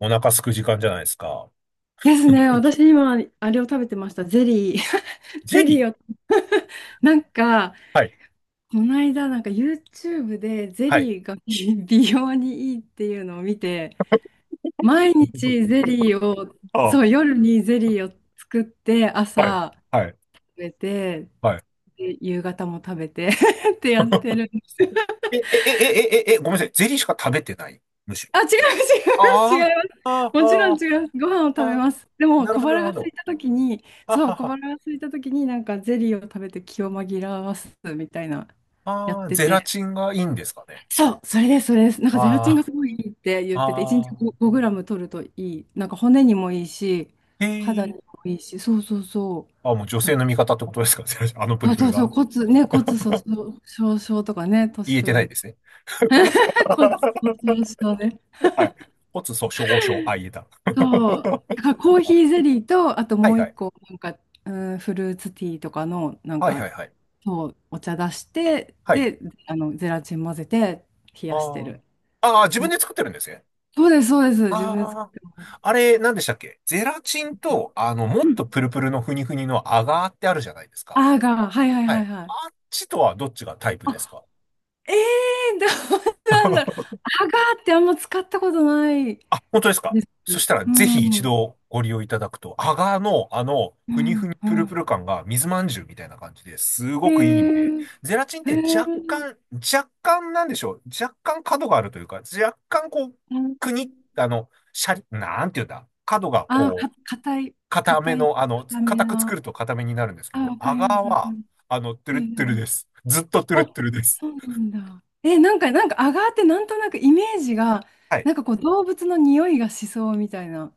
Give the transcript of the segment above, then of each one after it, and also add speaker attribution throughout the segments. Speaker 1: お腹空く時間じゃないですか。
Speaker 2: ですね。私 今、あれを食べてました。ゼリー。
Speaker 1: ゼ
Speaker 2: ゼ
Speaker 1: リ
Speaker 2: リ
Speaker 1: ー。
Speaker 2: ーを。なんか、
Speaker 1: はい、
Speaker 2: この間、なんか YouTube でゼ
Speaker 1: はい。
Speaker 2: リーが 美容にいいっていうのを見て、毎日 ゼリーを、
Speaker 1: あ
Speaker 2: そう、夜にゼリーを作って、
Speaker 1: あ、はい、
Speaker 2: 朝
Speaker 1: はい、
Speaker 2: 食べて、
Speaker 1: はい。
Speaker 2: で夕方も食べて ってやってるんですよ。
Speaker 1: え、え、え、え、え、え、え、ごめんなさい。ゼリーしか食べてないむしろ。
Speaker 2: あ、違う、違
Speaker 1: あ
Speaker 2: う、
Speaker 1: あ、
Speaker 2: 違います。
Speaker 1: あ
Speaker 2: もちろん
Speaker 1: あ、
Speaker 2: 違います。ご飯を食べ
Speaker 1: ああ、
Speaker 2: ます。でも、
Speaker 1: なる
Speaker 2: 小
Speaker 1: ほど、
Speaker 2: 腹
Speaker 1: なる
Speaker 2: が
Speaker 1: ほ
Speaker 2: 空い
Speaker 1: ど。
Speaker 2: たときに、
Speaker 1: あ
Speaker 2: そう、
Speaker 1: は
Speaker 2: 小
Speaker 1: は。
Speaker 2: 腹が空いたときに、なんかゼリーを食べて気を紛らわすみたいな、やっ
Speaker 1: ああ、
Speaker 2: て
Speaker 1: ゼラ
Speaker 2: て。
Speaker 1: チンがいいんですかね。
Speaker 2: そう、それです、それです。なんかゼラチンが
Speaker 1: あ
Speaker 2: すごいいいって言
Speaker 1: あ、
Speaker 2: ってて、1
Speaker 1: あ
Speaker 2: 日
Speaker 1: あ、
Speaker 2: 5、グラム取るといい。なんか骨にもいいし、
Speaker 1: へ
Speaker 2: 肌に
Speaker 1: え。
Speaker 2: もいいし、そうそうそう。
Speaker 1: あ、もう女性の味方ってことですか、ゼラチン。あのプ
Speaker 2: そ
Speaker 1: ル
Speaker 2: う
Speaker 1: プ
Speaker 2: そ
Speaker 1: ル
Speaker 2: うそう、
Speaker 1: が。
Speaker 2: 骨、ね、骨粗鬆症とかね、
Speaker 1: 言
Speaker 2: 年
Speaker 1: えて
Speaker 2: 取
Speaker 1: ない
Speaker 2: る。
Speaker 1: ですね。
Speaker 2: 骨粗鬆症ね。
Speaker 1: はい。骨粗鬆症、あ、言えた。
Speaker 2: そう。だからコーヒーゼリーと、あと
Speaker 1: は
Speaker 2: も
Speaker 1: い
Speaker 2: う
Speaker 1: は
Speaker 2: 一
Speaker 1: い。
Speaker 2: 個、なんか、うん、フルーツティーとかの、なん
Speaker 1: はいは
Speaker 2: か、
Speaker 1: いはい。
Speaker 2: そう、お茶出して、
Speaker 1: はい。
Speaker 2: で、あの、ゼラチン混ぜて冷やして
Speaker 1: ああ。
Speaker 2: る。
Speaker 1: ああ、自
Speaker 2: そ
Speaker 1: 分
Speaker 2: う。
Speaker 1: で作ってるんですね。
Speaker 2: そうです、そうです。自分で作
Speaker 1: あ
Speaker 2: っ
Speaker 1: あ。
Speaker 2: てます。
Speaker 1: あれ、何でしたっけ、ゼラチンと、も
Speaker 2: う
Speaker 1: っ
Speaker 2: ん
Speaker 1: とプルプルのふにふにのアガーってあるじゃないですか。
Speaker 2: アガー、はいはい
Speaker 1: は
Speaker 2: は
Speaker 1: い。
Speaker 2: いはい。
Speaker 1: あっちとはどっちがタイプです
Speaker 2: あ、
Speaker 1: か？
Speaker 2: ええー、どうなんだろう。アガーってあんま使ったことない
Speaker 1: あ、本当ですか。
Speaker 2: です。
Speaker 1: そしたら、
Speaker 2: う
Speaker 1: ぜひ一
Speaker 2: ん、
Speaker 1: 度ご利用いただくと、アガーの、
Speaker 2: う
Speaker 1: ふにふ
Speaker 2: ん、
Speaker 1: に
Speaker 2: う
Speaker 1: プルプ
Speaker 2: ん。
Speaker 1: ル感が水まんじゅうみたいな感じです
Speaker 2: え
Speaker 1: ごくいいんで、
Speaker 2: ー、
Speaker 1: ゼラチンっ
Speaker 2: え
Speaker 1: て若
Speaker 2: ー、
Speaker 1: 干、若干なんでしょう。若干角があるというか、若干こう、くに、シャリ、なんていうんだ。角が
Speaker 2: あ、
Speaker 1: こ
Speaker 2: か、
Speaker 1: う、
Speaker 2: 硬い、
Speaker 1: 硬め
Speaker 2: 硬い、
Speaker 1: の、
Speaker 2: 硬め
Speaker 1: 硬く作る
Speaker 2: な。
Speaker 1: と硬めになるんですけ
Speaker 2: あ、
Speaker 1: ど、
Speaker 2: わか
Speaker 1: ア
Speaker 2: り
Speaker 1: ガー
Speaker 2: ます、わかり
Speaker 1: は、
Speaker 2: ます。
Speaker 1: トゥ
Speaker 2: ええ
Speaker 1: ル
Speaker 2: え
Speaker 1: ットゥル
Speaker 2: え
Speaker 1: です。ずっとトゥル
Speaker 2: あ、
Speaker 1: ットゥルです。
Speaker 2: そうなんだ。え、なんか、なんか、アガーってなんとなくイメージが、
Speaker 1: はい。
Speaker 2: なんかこう、動物の匂いがしそうみたいな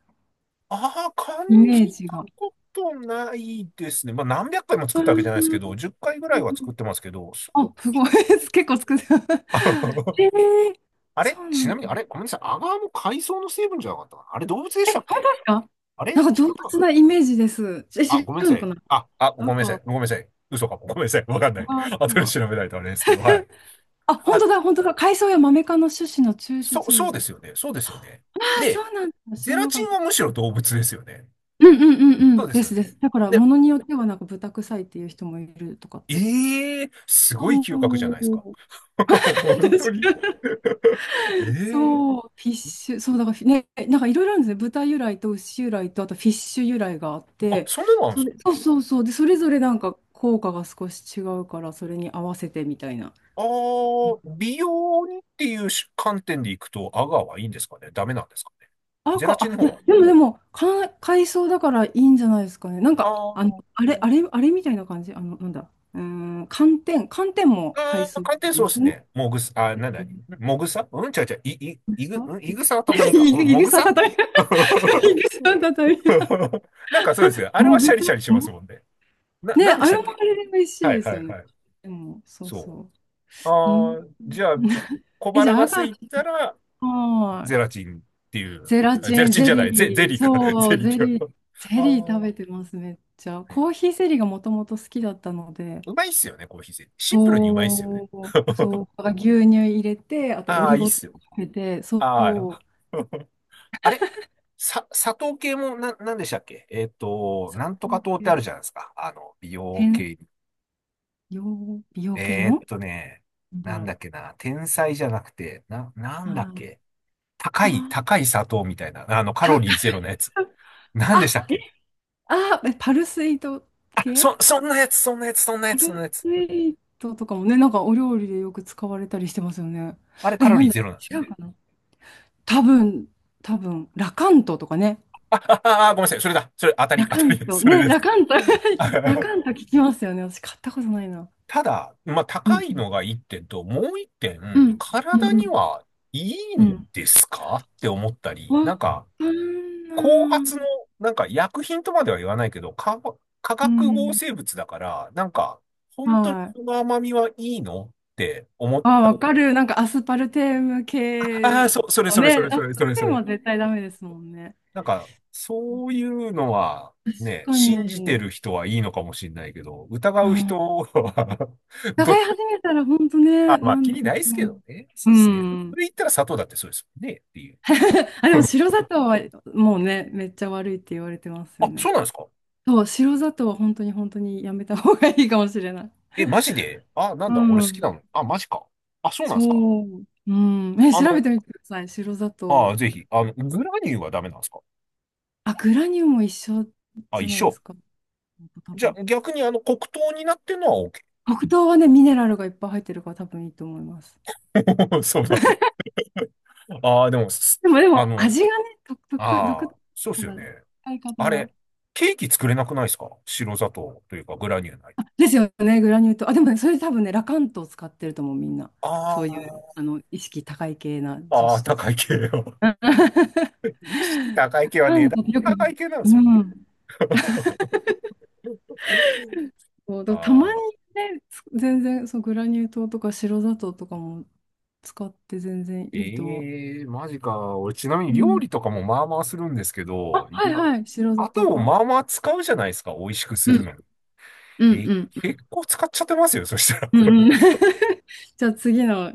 Speaker 1: ああ、感
Speaker 2: イメー
Speaker 1: じ
Speaker 2: ジ
Speaker 1: た
Speaker 2: が。
Speaker 1: ことないですね。まあ、何百回も作
Speaker 2: う
Speaker 1: ったわけ
Speaker 2: ん
Speaker 1: じゃないです
Speaker 2: う
Speaker 1: けど、
Speaker 2: ん
Speaker 1: 10回ぐら
Speaker 2: う
Speaker 1: い
Speaker 2: んう
Speaker 1: は作
Speaker 2: ん
Speaker 1: ってますけど、そん
Speaker 2: あ、す
Speaker 1: なに
Speaker 2: ごい。
Speaker 1: か。
Speaker 2: 結構作ってた。えー
Speaker 1: あれ
Speaker 2: そうな
Speaker 1: ち
Speaker 2: ん
Speaker 1: な
Speaker 2: だ。
Speaker 1: みに、あれごめんなさい。アガーも海藻の成分じゃなかったかな、あれ動物で
Speaker 2: え、
Speaker 1: したっ
Speaker 2: 本
Speaker 1: け？
Speaker 2: 当ですか
Speaker 1: あれ違
Speaker 2: な
Speaker 1: っ
Speaker 2: んか動
Speaker 1: たか
Speaker 2: 物
Speaker 1: な、
Speaker 2: なイメージです。え、
Speaker 1: あ、
Speaker 2: 違
Speaker 1: ごめんな
Speaker 2: う
Speaker 1: さ
Speaker 2: のか
Speaker 1: い。
Speaker 2: な
Speaker 1: あ、あ、ご
Speaker 2: な
Speaker 1: め
Speaker 2: ん
Speaker 1: んなさ
Speaker 2: か、
Speaker 1: い。ごめんなさい。嘘かも。ごめんなさい。わかんな
Speaker 2: あ
Speaker 1: い。
Speaker 2: ガ ーそう
Speaker 1: 後で
Speaker 2: は。
Speaker 1: 調べないとあれですけど、はい。
Speaker 2: あ、本
Speaker 1: あ、
Speaker 2: 当だ、本当だ。海藻やマメ科の種子の抽
Speaker 1: そう、
Speaker 2: 出
Speaker 1: そうで
Speaker 2: 物。
Speaker 1: すよね。そうですよね。
Speaker 2: ああ、そ
Speaker 1: で、
Speaker 2: うなんだ。知
Speaker 1: ゼ
Speaker 2: ら
Speaker 1: ラ
Speaker 2: なか
Speaker 1: チ
Speaker 2: っ
Speaker 1: ン
Speaker 2: た。
Speaker 1: はむしろ動物ですよね。
Speaker 2: うんうんうんう
Speaker 1: そう
Speaker 2: ん。
Speaker 1: で
Speaker 2: で
Speaker 1: すよ
Speaker 2: すで
Speaker 1: ね。
Speaker 2: す。だから、
Speaker 1: で、
Speaker 2: ものによってはなんか豚臭いっていう人もいるとかって。
Speaker 1: ええー、すごい
Speaker 2: そ
Speaker 1: 嗅覚じゃないですか。
Speaker 2: う 確
Speaker 1: 本当に。
Speaker 2: かに。
Speaker 1: え
Speaker 2: そう、
Speaker 1: え。
Speaker 2: フィッシュ、そう、だからフィね、なんかいろいろあるんですね。豚由来と牛由来と、あとフィッシュ由来があっ
Speaker 1: あ、
Speaker 2: て、
Speaker 1: それなんで
Speaker 2: そ
Speaker 1: すか？
Speaker 2: れ、そうそうそう、で、それぞれなんか効果が少し違うから、それに合わせてみたいな。
Speaker 1: ああー、美容にっていう観点でいくと、アガーはいいんですかね、ダメなんですかね？
Speaker 2: あ、
Speaker 1: ゼラ
Speaker 2: か、
Speaker 1: チン
Speaker 2: あ、
Speaker 1: の
Speaker 2: い
Speaker 1: 方
Speaker 2: や、
Speaker 1: は？
Speaker 2: でもでも、か、海藻だからいいんじゃないですかね。なんか、あの、
Speaker 1: あ
Speaker 2: あれ、あれ、あれみたいな感じ、あの、なんだ、寒天、寒天
Speaker 1: あ、
Speaker 2: も海
Speaker 1: ああ、
Speaker 2: 藻
Speaker 1: 寒天そ
Speaker 2: で
Speaker 1: うで
Speaker 2: す
Speaker 1: す
Speaker 2: ね。
Speaker 1: ね。もぐさ、あ、なんだ、もぐさ、うん、ちゃうちゃう、い、い、いぐ、うん、いぐさは畳か。うん、
Speaker 2: い
Speaker 1: も
Speaker 2: ぐ
Speaker 1: ぐ
Speaker 2: さ
Speaker 1: さ。
Speaker 2: 畳み、いぐさ畳み。
Speaker 1: なんかそうですよ。あれは
Speaker 2: も
Speaker 1: シ
Speaker 2: ぐ
Speaker 1: ャリ
Speaker 2: さ、
Speaker 1: シャリします
Speaker 2: も
Speaker 1: もんね。な、
Speaker 2: ね、
Speaker 1: なんで
Speaker 2: あ
Speaker 1: し
Speaker 2: れ
Speaker 1: たっ
Speaker 2: もあ
Speaker 1: け？
Speaker 2: れで美味しい
Speaker 1: はい
Speaker 2: です
Speaker 1: はい
Speaker 2: よね。
Speaker 1: はい。
Speaker 2: でも、そう
Speaker 1: そ
Speaker 2: そ
Speaker 1: う。
Speaker 2: う。うん。
Speaker 1: ああ、じゃあ、小
Speaker 2: え、じ
Speaker 1: 腹
Speaker 2: ゃあ、
Speaker 1: が
Speaker 2: ア
Speaker 1: 空
Speaker 2: ガ
Speaker 1: い
Speaker 2: チ、
Speaker 1: たら、
Speaker 2: はい。
Speaker 1: ゼラチンっていう、
Speaker 2: ゼラ
Speaker 1: あゼ
Speaker 2: チ
Speaker 1: ラ
Speaker 2: ン、
Speaker 1: チン
Speaker 2: ゼ
Speaker 1: じゃない、ゼ、ゼ
Speaker 2: リー、
Speaker 1: リーか、
Speaker 2: そ
Speaker 1: ゼ
Speaker 2: う、
Speaker 1: リー
Speaker 2: ゼ
Speaker 1: ってい
Speaker 2: リー、
Speaker 1: う。あ
Speaker 2: ゼリー食
Speaker 1: ー、
Speaker 2: べてます、めっちゃ。
Speaker 1: はい。
Speaker 2: コーヒーゼリーがもともと好きだったので、
Speaker 1: うまいっすよね、コーヒーゼリー。シンプルにうまいっすよ
Speaker 2: そ
Speaker 1: ね。
Speaker 2: う、そう、牛乳入れて、あとオ
Speaker 1: ああ、
Speaker 2: リ
Speaker 1: いいっ
Speaker 2: ゴ糖
Speaker 1: すよ。
Speaker 2: かけて、そ
Speaker 1: あ
Speaker 2: う、
Speaker 1: あ。あれ、さ、砂糖系もな、なんでしたっけ、なんとか糖ってあるじゃないですか。美容
Speaker 2: 天、
Speaker 1: 系。
Speaker 2: 美容、美容系
Speaker 1: えーっ
Speaker 2: の
Speaker 1: とね、
Speaker 2: なんだ
Speaker 1: なん
Speaker 2: ろ
Speaker 1: だっけな、天才じゃなくて、な、な
Speaker 2: う。
Speaker 1: んだっ
Speaker 2: はい
Speaker 1: け。高い、
Speaker 2: あー、
Speaker 1: 高い砂糖みたいな、カ
Speaker 2: あ、
Speaker 1: ロリーゼロのやつ。
Speaker 2: 高い。
Speaker 1: なんでし
Speaker 2: あ、
Speaker 1: たっけ？
Speaker 2: あーえパルスイート
Speaker 1: あ、
Speaker 2: 系
Speaker 1: そ、そんなやつ、そんなやつ、そんなや
Speaker 2: パ
Speaker 1: つ、そん
Speaker 2: ル
Speaker 1: なやつ。
Speaker 2: スイートとかもね、なんかお料理でよく使われたりしてますよね。
Speaker 1: あれカ
Speaker 2: え、
Speaker 1: ロ
Speaker 2: な
Speaker 1: リ
Speaker 2: ん
Speaker 1: ー
Speaker 2: だ、
Speaker 1: ゼロなんですよ
Speaker 2: 違う
Speaker 1: ね。
Speaker 2: かな多分、多分、ラカントとかね。
Speaker 1: あ、あ、あ、ごめんなさい。それだ。それ、当たり、
Speaker 2: ラ
Speaker 1: 当
Speaker 2: カ
Speaker 1: た
Speaker 2: ン
Speaker 1: りです。
Speaker 2: ト、
Speaker 1: それ
Speaker 2: ね、
Speaker 1: で
Speaker 2: ラ
Speaker 1: す。
Speaker 2: カント、
Speaker 1: あ、
Speaker 2: ラカント聞きますよね。私買ったことないな。
Speaker 1: ただ、まあ、
Speaker 2: う
Speaker 1: 高
Speaker 2: ん、
Speaker 1: いのが一点と、もう一点、
Speaker 2: うん、うん、
Speaker 1: 体
Speaker 2: う
Speaker 1: に
Speaker 2: ん。
Speaker 1: はいい
Speaker 2: うん
Speaker 1: んですかって思った
Speaker 2: わ
Speaker 1: り、なんか、
Speaker 2: かん
Speaker 1: 後
Speaker 2: な
Speaker 1: 発の、
Speaker 2: い。
Speaker 1: なんか薬品とまでは言わないけど、化、化
Speaker 2: う
Speaker 1: 学合
Speaker 2: ん。
Speaker 1: 成物だから、なんか、本当に
Speaker 2: はい。
Speaker 1: この甘みはいいのって思っ
Speaker 2: あ
Speaker 1: た。
Speaker 2: わかる。なんかアスパルテーム
Speaker 1: ああー、
Speaker 2: 系
Speaker 1: そ、それ
Speaker 2: の
Speaker 1: それそ
Speaker 2: ね、
Speaker 1: れそ
Speaker 2: アス
Speaker 1: れ
Speaker 2: パ
Speaker 1: そ
Speaker 2: ル
Speaker 1: れ
Speaker 2: テ
Speaker 1: そ
Speaker 2: ーム
Speaker 1: れ。
Speaker 2: は絶対ダメですもんね。
Speaker 1: なんか、そういうのは、
Speaker 2: 確
Speaker 1: ね、
Speaker 2: か
Speaker 1: 信じて
Speaker 2: に。
Speaker 1: る人はいいのかもしれないけど、疑
Speaker 2: う
Speaker 1: う
Speaker 2: ん
Speaker 1: 人は、
Speaker 2: 伺
Speaker 1: ど、
Speaker 2: い始めたら本当
Speaker 1: あ、
Speaker 2: ね、
Speaker 1: ま
Speaker 2: な
Speaker 1: あ、気
Speaker 2: んで、
Speaker 1: にないで
Speaker 2: う
Speaker 1: すけど
Speaker 2: ん。
Speaker 1: ね。そ
Speaker 2: う
Speaker 1: うですね。そ
Speaker 2: ん。
Speaker 1: れ言ったら砂糖だってそうですもんね、っていう。
Speaker 2: あ、でも白 砂糖はもうね、めっちゃ悪いって言われてますよ
Speaker 1: あ、そ
Speaker 2: ね。
Speaker 1: うなんですか？
Speaker 2: そう、白砂糖は本当に本当にやめた方がいいかもしれない。
Speaker 1: え、マジで？あ、なん
Speaker 2: う
Speaker 1: だ、俺好きな
Speaker 2: ん。
Speaker 1: の。あ、マジか。あ、そうなんですか？
Speaker 2: そう。うん。え、
Speaker 1: あ
Speaker 2: 調べ
Speaker 1: の、
Speaker 2: てみてください。白砂糖。
Speaker 1: あ、ぜひ、グラニューはダメなんですか？
Speaker 2: あ、グラニューも一緒
Speaker 1: あ、
Speaker 2: じ
Speaker 1: 一
Speaker 2: ゃないで
Speaker 1: 緒。
Speaker 2: すか。多
Speaker 1: じゃ
Speaker 2: 分。
Speaker 1: あ、逆にあの、黒糖になってるのは OK。
Speaker 2: 黒糖はね、ミネラルがいっぱい入ってるから多分いいと思います。
Speaker 1: そうなんだ。ああ、でも、す、
Speaker 2: でも、で
Speaker 1: あ
Speaker 2: も、
Speaker 1: の、
Speaker 2: 味がね、独特、独
Speaker 1: ああ、そうで
Speaker 2: 特
Speaker 1: すよ
Speaker 2: な
Speaker 1: ね。
Speaker 2: 使い方
Speaker 1: あ
Speaker 2: が。
Speaker 1: れ、ケーキ作れなくないですか、白砂糖というかグラニューないと。
Speaker 2: ですよね、グラニュー糖。あ、でもね、それ多分ね、ラカントを使ってると思う、みんな。そういう、
Speaker 1: あ
Speaker 2: あの、意識高い系な
Speaker 1: あ、
Speaker 2: 女
Speaker 1: ああ、
Speaker 2: 子たち。
Speaker 1: 高い系よ。意識高い系
Speaker 2: ラ
Speaker 1: は
Speaker 2: カ
Speaker 1: 値
Speaker 2: ン
Speaker 1: 段
Speaker 2: トってよく見
Speaker 1: 高い
Speaker 2: る、
Speaker 1: 系なんで
Speaker 2: う
Speaker 1: すよね。
Speaker 2: ん。そう、だたま
Speaker 1: ああ、
Speaker 2: にね、つ全然、そう、グラニュー糖とか白砂糖とかも使って全然いいとは。
Speaker 1: ええ、マジか。俺、ちなみに
Speaker 2: う
Speaker 1: 料
Speaker 2: ん。
Speaker 1: 理とかもまあまあするんですけ
Speaker 2: あ、
Speaker 1: ど、い
Speaker 2: はい
Speaker 1: や、
Speaker 2: はい、白砂
Speaker 1: あ
Speaker 2: 糖
Speaker 1: とを
Speaker 2: 派。
Speaker 1: まあまあ使うじゃないですか、美味しくす
Speaker 2: う
Speaker 1: る
Speaker 2: ん、
Speaker 1: のに。
Speaker 2: うん、
Speaker 1: え、
Speaker 2: うん、うん。
Speaker 1: 結構使っちゃってますよ、そしたら。
Speaker 2: うんうん じゃあ次の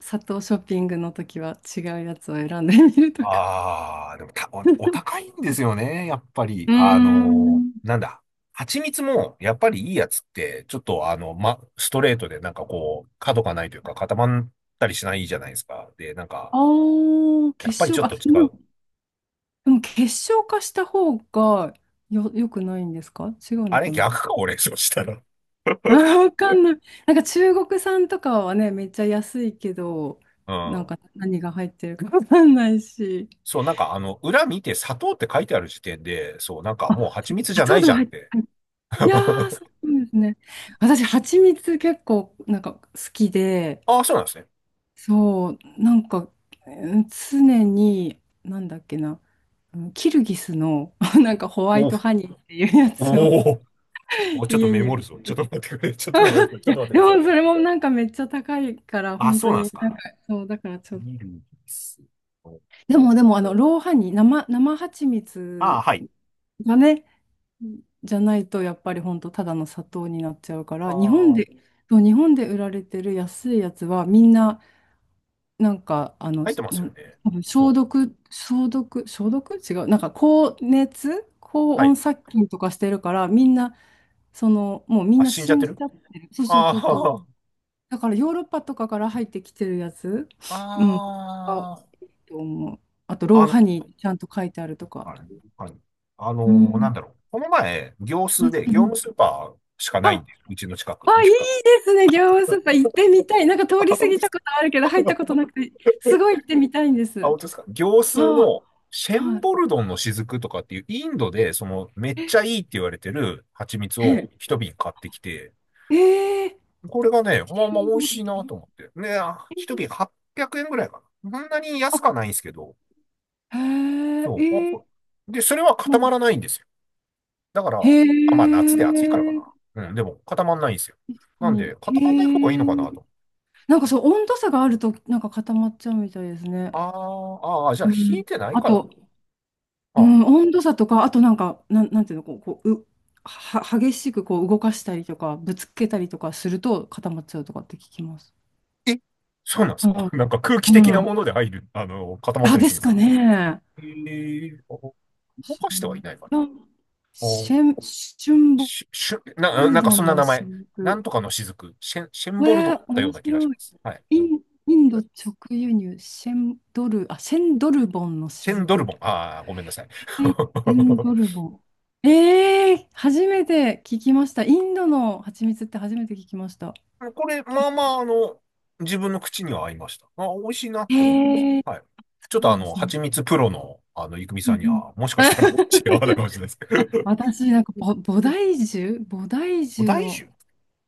Speaker 2: 砂糖ショッピングの時は違うやつを選んでみるとか。
Speaker 1: ああ、でもた、お、お高いんですよね、やっぱり。
Speaker 2: うーん
Speaker 1: なんだ。蜂蜜も、やっぱりいいやつって、ちょっとあの、ま、ストレートでなんかこう、角がないというか固まったりしないじゃないですか。で、なんか、
Speaker 2: ああ、
Speaker 1: やっ
Speaker 2: 結
Speaker 1: ぱりち
Speaker 2: 晶
Speaker 1: ょっ
Speaker 2: 化、あ、
Speaker 1: と違
Speaker 2: でも
Speaker 1: う。
Speaker 2: でも結晶化した方がよ、よくないんですか違う
Speaker 1: あ
Speaker 2: の
Speaker 1: れ
Speaker 2: かな
Speaker 1: 逆か、俺、そうしたら。
Speaker 2: あー、わかんない。なんか中国産とかはね、めっちゃ安いけど、
Speaker 1: う
Speaker 2: なん
Speaker 1: ん。
Speaker 2: か何が入ってるかわかんないし。
Speaker 1: そう、なんかあの、裏見て砂糖って書いてある時点で、そう、なんかもう
Speaker 2: あ、
Speaker 1: 蜂蜜じ
Speaker 2: 砂
Speaker 1: ゃない
Speaker 2: 糖
Speaker 1: じ
Speaker 2: が
Speaker 1: ゃ
Speaker 2: 入
Speaker 1: んっ
Speaker 2: って、
Speaker 1: て。
Speaker 2: いやー、そうなんですね。私、蜂蜜結構なんか好きで、
Speaker 1: ああ、そうなんですね。
Speaker 2: そう、なんかうん常に、なんだっけな、うんキルギスの なんかホワイ
Speaker 1: お、
Speaker 2: トハニーっていうやつを
Speaker 1: お、お、ちょっと
Speaker 2: 家
Speaker 1: メ
Speaker 2: に
Speaker 1: モる
Speaker 2: も。
Speaker 1: ぞ。ちょっと待ってくれ。ちょっとごめんなさい。ち
Speaker 2: い
Speaker 1: ょっ
Speaker 2: や、
Speaker 1: と待っ
Speaker 2: で
Speaker 1: てくだ
Speaker 2: も
Speaker 1: さい。
Speaker 2: それもなんかめっちゃ高いから、
Speaker 1: あ、
Speaker 2: 本
Speaker 1: そ
Speaker 2: 当
Speaker 1: うなんで
Speaker 2: に、
Speaker 1: す
Speaker 2: なん
Speaker 1: か。
Speaker 2: か、そう、だからちょっ
Speaker 1: ミ
Speaker 2: と。
Speaker 1: ルです。あ
Speaker 2: でも、でも、あの、ローハニー、生、生蜂
Speaker 1: あ、
Speaker 2: 蜜
Speaker 1: はい。
Speaker 2: がね、じゃないと、やっぱり本当ただの砂糖になっちゃうから、日本
Speaker 1: ああ、
Speaker 2: で、そう、日本で売られてる安いやつは、みんな、なんか、あの、
Speaker 1: 入ってます
Speaker 2: な
Speaker 1: よ
Speaker 2: ん、
Speaker 1: ね。
Speaker 2: 多分消
Speaker 1: そう。
Speaker 2: 毒、消毒、消毒違う。なんか、高熱、高
Speaker 1: は
Speaker 2: 温
Speaker 1: い。
Speaker 2: 殺菌とかしてるから、みんな、その、もうみん
Speaker 1: あ、
Speaker 2: な
Speaker 1: 死ん
Speaker 2: 死
Speaker 1: じゃっ
Speaker 2: ん
Speaker 1: て
Speaker 2: じ
Speaker 1: る？
Speaker 2: ゃってる。そうそうそうそ
Speaker 1: あ
Speaker 2: う。だからヨーロッパとかから入ってきてるやつ、うん、が多
Speaker 1: あ、あ
Speaker 2: いと思う。あと、
Speaker 1: あ、
Speaker 2: ローハニーちゃんと書いてあるとか。
Speaker 1: あれ、はい。あ
Speaker 2: う
Speaker 1: のなんだ
Speaker 2: ん。
Speaker 1: ろう。この前、業ス
Speaker 2: う
Speaker 1: ー
Speaker 2: ん
Speaker 1: で、
Speaker 2: う
Speaker 1: 業務
Speaker 2: ん
Speaker 1: スーパーしかないん
Speaker 2: あ、
Speaker 1: で、うちの近く。
Speaker 2: あ、いいで すね、業務スーパー行ってみたい。なんか通
Speaker 1: あ、
Speaker 2: り過
Speaker 1: 本当
Speaker 2: ぎ
Speaker 1: です
Speaker 2: た
Speaker 1: か？
Speaker 2: ことあるけど、入ったことなくて、すごい行ってみたいんで
Speaker 1: あ、
Speaker 2: す。
Speaker 1: 本当ですか、業スー
Speaker 2: あ
Speaker 1: の、シェ
Speaker 2: あ、は
Speaker 1: ン
Speaker 2: い。
Speaker 1: ボルドンの雫とかっていう、インドで、その、めっちゃいいって言われてる蜂蜜
Speaker 2: へ
Speaker 1: を一瓶買ってきて、
Speaker 2: え、えー、
Speaker 1: これがね、
Speaker 2: チ
Speaker 1: まあ
Speaker 2: キ
Speaker 1: まあ
Speaker 2: ン
Speaker 1: 美味
Speaker 2: ボー
Speaker 1: し
Speaker 2: ル
Speaker 1: い
Speaker 2: と
Speaker 1: なと思って。ね、あ一瓶800円ぐらいかな。そんなに
Speaker 2: あ、
Speaker 1: 安くはないんですけど、
Speaker 2: へ
Speaker 1: そう。あ
Speaker 2: え、え
Speaker 1: こ
Speaker 2: え
Speaker 1: で、それは
Speaker 2: ま
Speaker 1: 固
Speaker 2: あ
Speaker 1: まらないんですよ。だから、
Speaker 2: へ
Speaker 1: あ、まあ夏で暑いから
Speaker 2: え、
Speaker 1: かな。うん、でも固まらないんですよ。
Speaker 2: 確か
Speaker 1: なん
Speaker 2: に。
Speaker 1: で、
Speaker 2: へ
Speaker 1: 固まらない方がいいのかな
Speaker 2: え、
Speaker 1: と。
Speaker 2: なんかそう、温度差があると、なんか固まっちゃうみたいです
Speaker 1: あ
Speaker 2: ね。
Speaker 1: ー、あー、じゃあ
Speaker 2: う
Speaker 1: 冷え
Speaker 2: ん。
Speaker 1: てない
Speaker 2: あ
Speaker 1: から。
Speaker 2: と、う
Speaker 1: あ、
Speaker 2: ん、温度差とか、あとなんか、なん、なんていうの、こう、こう、う、は、激しくこう動かしたりとか、ぶつけたりとかすると固まっちゃうとかって聞きます。
Speaker 1: え、そうなんです
Speaker 2: う
Speaker 1: か？
Speaker 2: ん。
Speaker 1: なんか空気的
Speaker 2: う
Speaker 1: な
Speaker 2: ん。
Speaker 1: もので入る、固まった
Speaker 2: あ、
Speaker 1: り
Speaker 2: で
Speaker 1: するん
Speaker 2: す
Speaker 1: です
Speaker 2: か
Speaker 1: か？
Speaker 2: ね。
Speaker 1: ええー、あ、動
Speaker 2: 知
Speaker 1: か
Speaker 2: ら
Speaker 1: しては
Speaker 2: な
Speaker 1: い
Speaker 2: い。
Speaker 1: ないから。
Speaker 2: あ
Speaker 1: あ、
Speaker 2: シェン、シュンボ
Speaker 1: し、しゅ、な、
Speaker 2: ル
Speaker 1: なんか
Speaker 2: ド
Speaker 1: そん
Speaker 2: ン
Speaker 1: な
Speaker 2: の
Speaker 1: 名前。
Speaker 2: 新
Speaker 1: なん
Speaker 2: 婦。
Speaker 1: とかの雫。シェン、シェン
Speaker 2: え
Speaker 1: ボルドだっ
Speaker 2: ー、
Speaker 1: たよう
Speaker 2: 面
Speaker 1: な気がし
Speaker 2: 白
Speaker 1: ま
Speaker 2: い。
Speaker 1: す。はい。
Speaker 2: イン、インド直輸入、シェンドル、あ、シェンドルボンの
Speaker 1: シェンドル
Speaker 2: 雫。
Speaker 1: ボン。ああ、ごめんなさい。
Speaker 2: えエ ンドルボ。ええ初めて聞きました。インドの蜂蜜って初めて聞きました。
Speaker 1: これ、まあまあ、自分の口には合いました。あ、美味しいなっ
Speaker 2: へ
Speaker 1: て思いまし
Speaker 2: えー、
Speaker 1: た。はい。ちょっと
Speaker 2: そ
Speaker 1: あ
Speaker 2: うで
Speaker 1: の、
Speaker 2: すね。
Speaker 1: 蜂蜜プロの、いくみ
Speaker 2: う
Speaker 1: さん
Speaker 2: ん
Speaker 1: に
Speaker 2: うん
Speaker 1: は、もしかしたら違わない かもしれないですけど。
Speaker 2: 私、なんかぼ、菩提樹菩提
Speaker 1: お
Speaker 2: 樹
Speaker 1: 大
Speaker 2: の、
Speaker 1: 酒。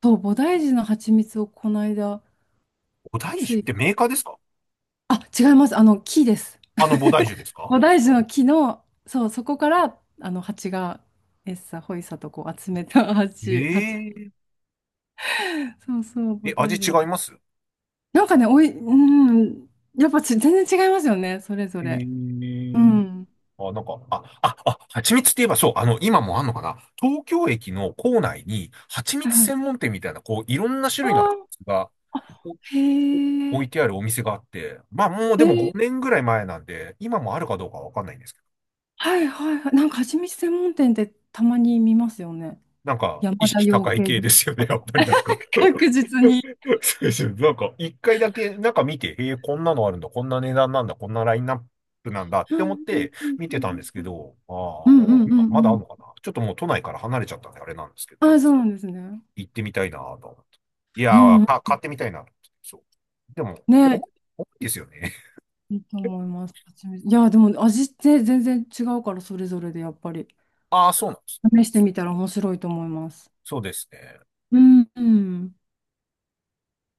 Speaker 2: そう、菩提樹の蜂蜜をこの間、
Speaker 1: お大
Speaker 2: つ
Speaker 1: 酒っ
Speaker 2: い、
Speaker 1: てメーカーですか？
Speaker 2: あ、違います。あの、木です。
Speaker 1: あの、菩提樹ですか？
Speaker 2: 菩提樹の木の、そう、そこから、あの、蜂が、エッサ、ホイサとこう集めた蜂、蜂。
Speaker 1: ええ、
Speaker 2: そうそう、菩
Speaker 1: え、味
Speaker 2: 提
Speaker 1: 違
Speaker 2: 樹
Speaker 1: います？
Speaker 2: なんかね、おい、うん、やっぱち、全然違いますよね、それぞれ。
Speaker 1: ええ、
Speaker 2: うん。
Speaker 1: あ、なんか、あ、あ、あ、蜂蜜って言えばそう、今もあんのかな、東京駅の構内に、蜂 蜜
Speaker 2: は
Speaker 1: 専
Speaker 2: い。
Speaker 1: 門店みたいな、こう、いろんな種
Speaker 2: あ
Speaker 1: 類の蜂
Speaker 2: ー
Speaker 1: 蜜が
Speaker 2: あ、
Speaker 1: お
Speaker 2: へ
Speaker 1: 置い
Speaker 2: え、
Speaker 1: てあるお店があって、まあもう
Speaker 2: へ
Speaker 1: でも
Speaker 2: え、
Speaker 1: 5年ぐらい前なんで、今もあるかどうかはわかんないんですけど、
Speaker 2: はいはいはい。なんか、蜂蜜専門店ってたまに見ますよね。
Speaker 1: なんか、意
Speaker 2: 山田
Speaker 1: 識
Speaker 2: 養
Speaker 1: 高い
Speaker 2: 鶏
Speaker 1: 系ですよ
Speaker 2: 場。
Speaker 1: ね、やっぱりなんか。
Speaker 2: 確実 に。
Speaker 1: そうですよ。なんか、一回だけ、なんか見て、えー、こんなのあるんだ、こんな値段なんだ、こんなラインナップなんだっ
Speaker 2: う
Speaker 1: て思っ
Speaker 2: ん
Speaker 1: て見
Speaker 2: う
Speaker 1: てたん
Speaker 2: ん
Speaker 1: です
Speaker 2: う
Speaker 1: け
Speaker 2: ん
Speaker 1: ど、
Speaker 2: う
Speaker 1: あ
Speaker 2: ん
Speaker 1: あ、まだあ
Speaker 2: う
Speaker 1: る
Speaker 2: ん。
Speaker 1: のかな、ちょっともう都内から離れちゃったんで、あれなんですけど。
Speaker 2: ああ、そうなんですね。
Speaker 1: 行ってみたいなと思って。い
Speaker 2: う
Speaker 1: やー、
Speaker 2: ん。
Speaker 1: か、買ってみたいなと思って。そう。でも、重
Speaker 2: ね、
Speaker 1: い、重いですよね。
Speaker 2: いいと思います。蜂蜜いや、でも味って全然違うから、それぞれでやっぱり。
Speaker 1: ああ、そうなんです。
Speaker 2: 試してみたら面白いと思います。
Speaker 1: そうですね。
Speaker 2: うん。うん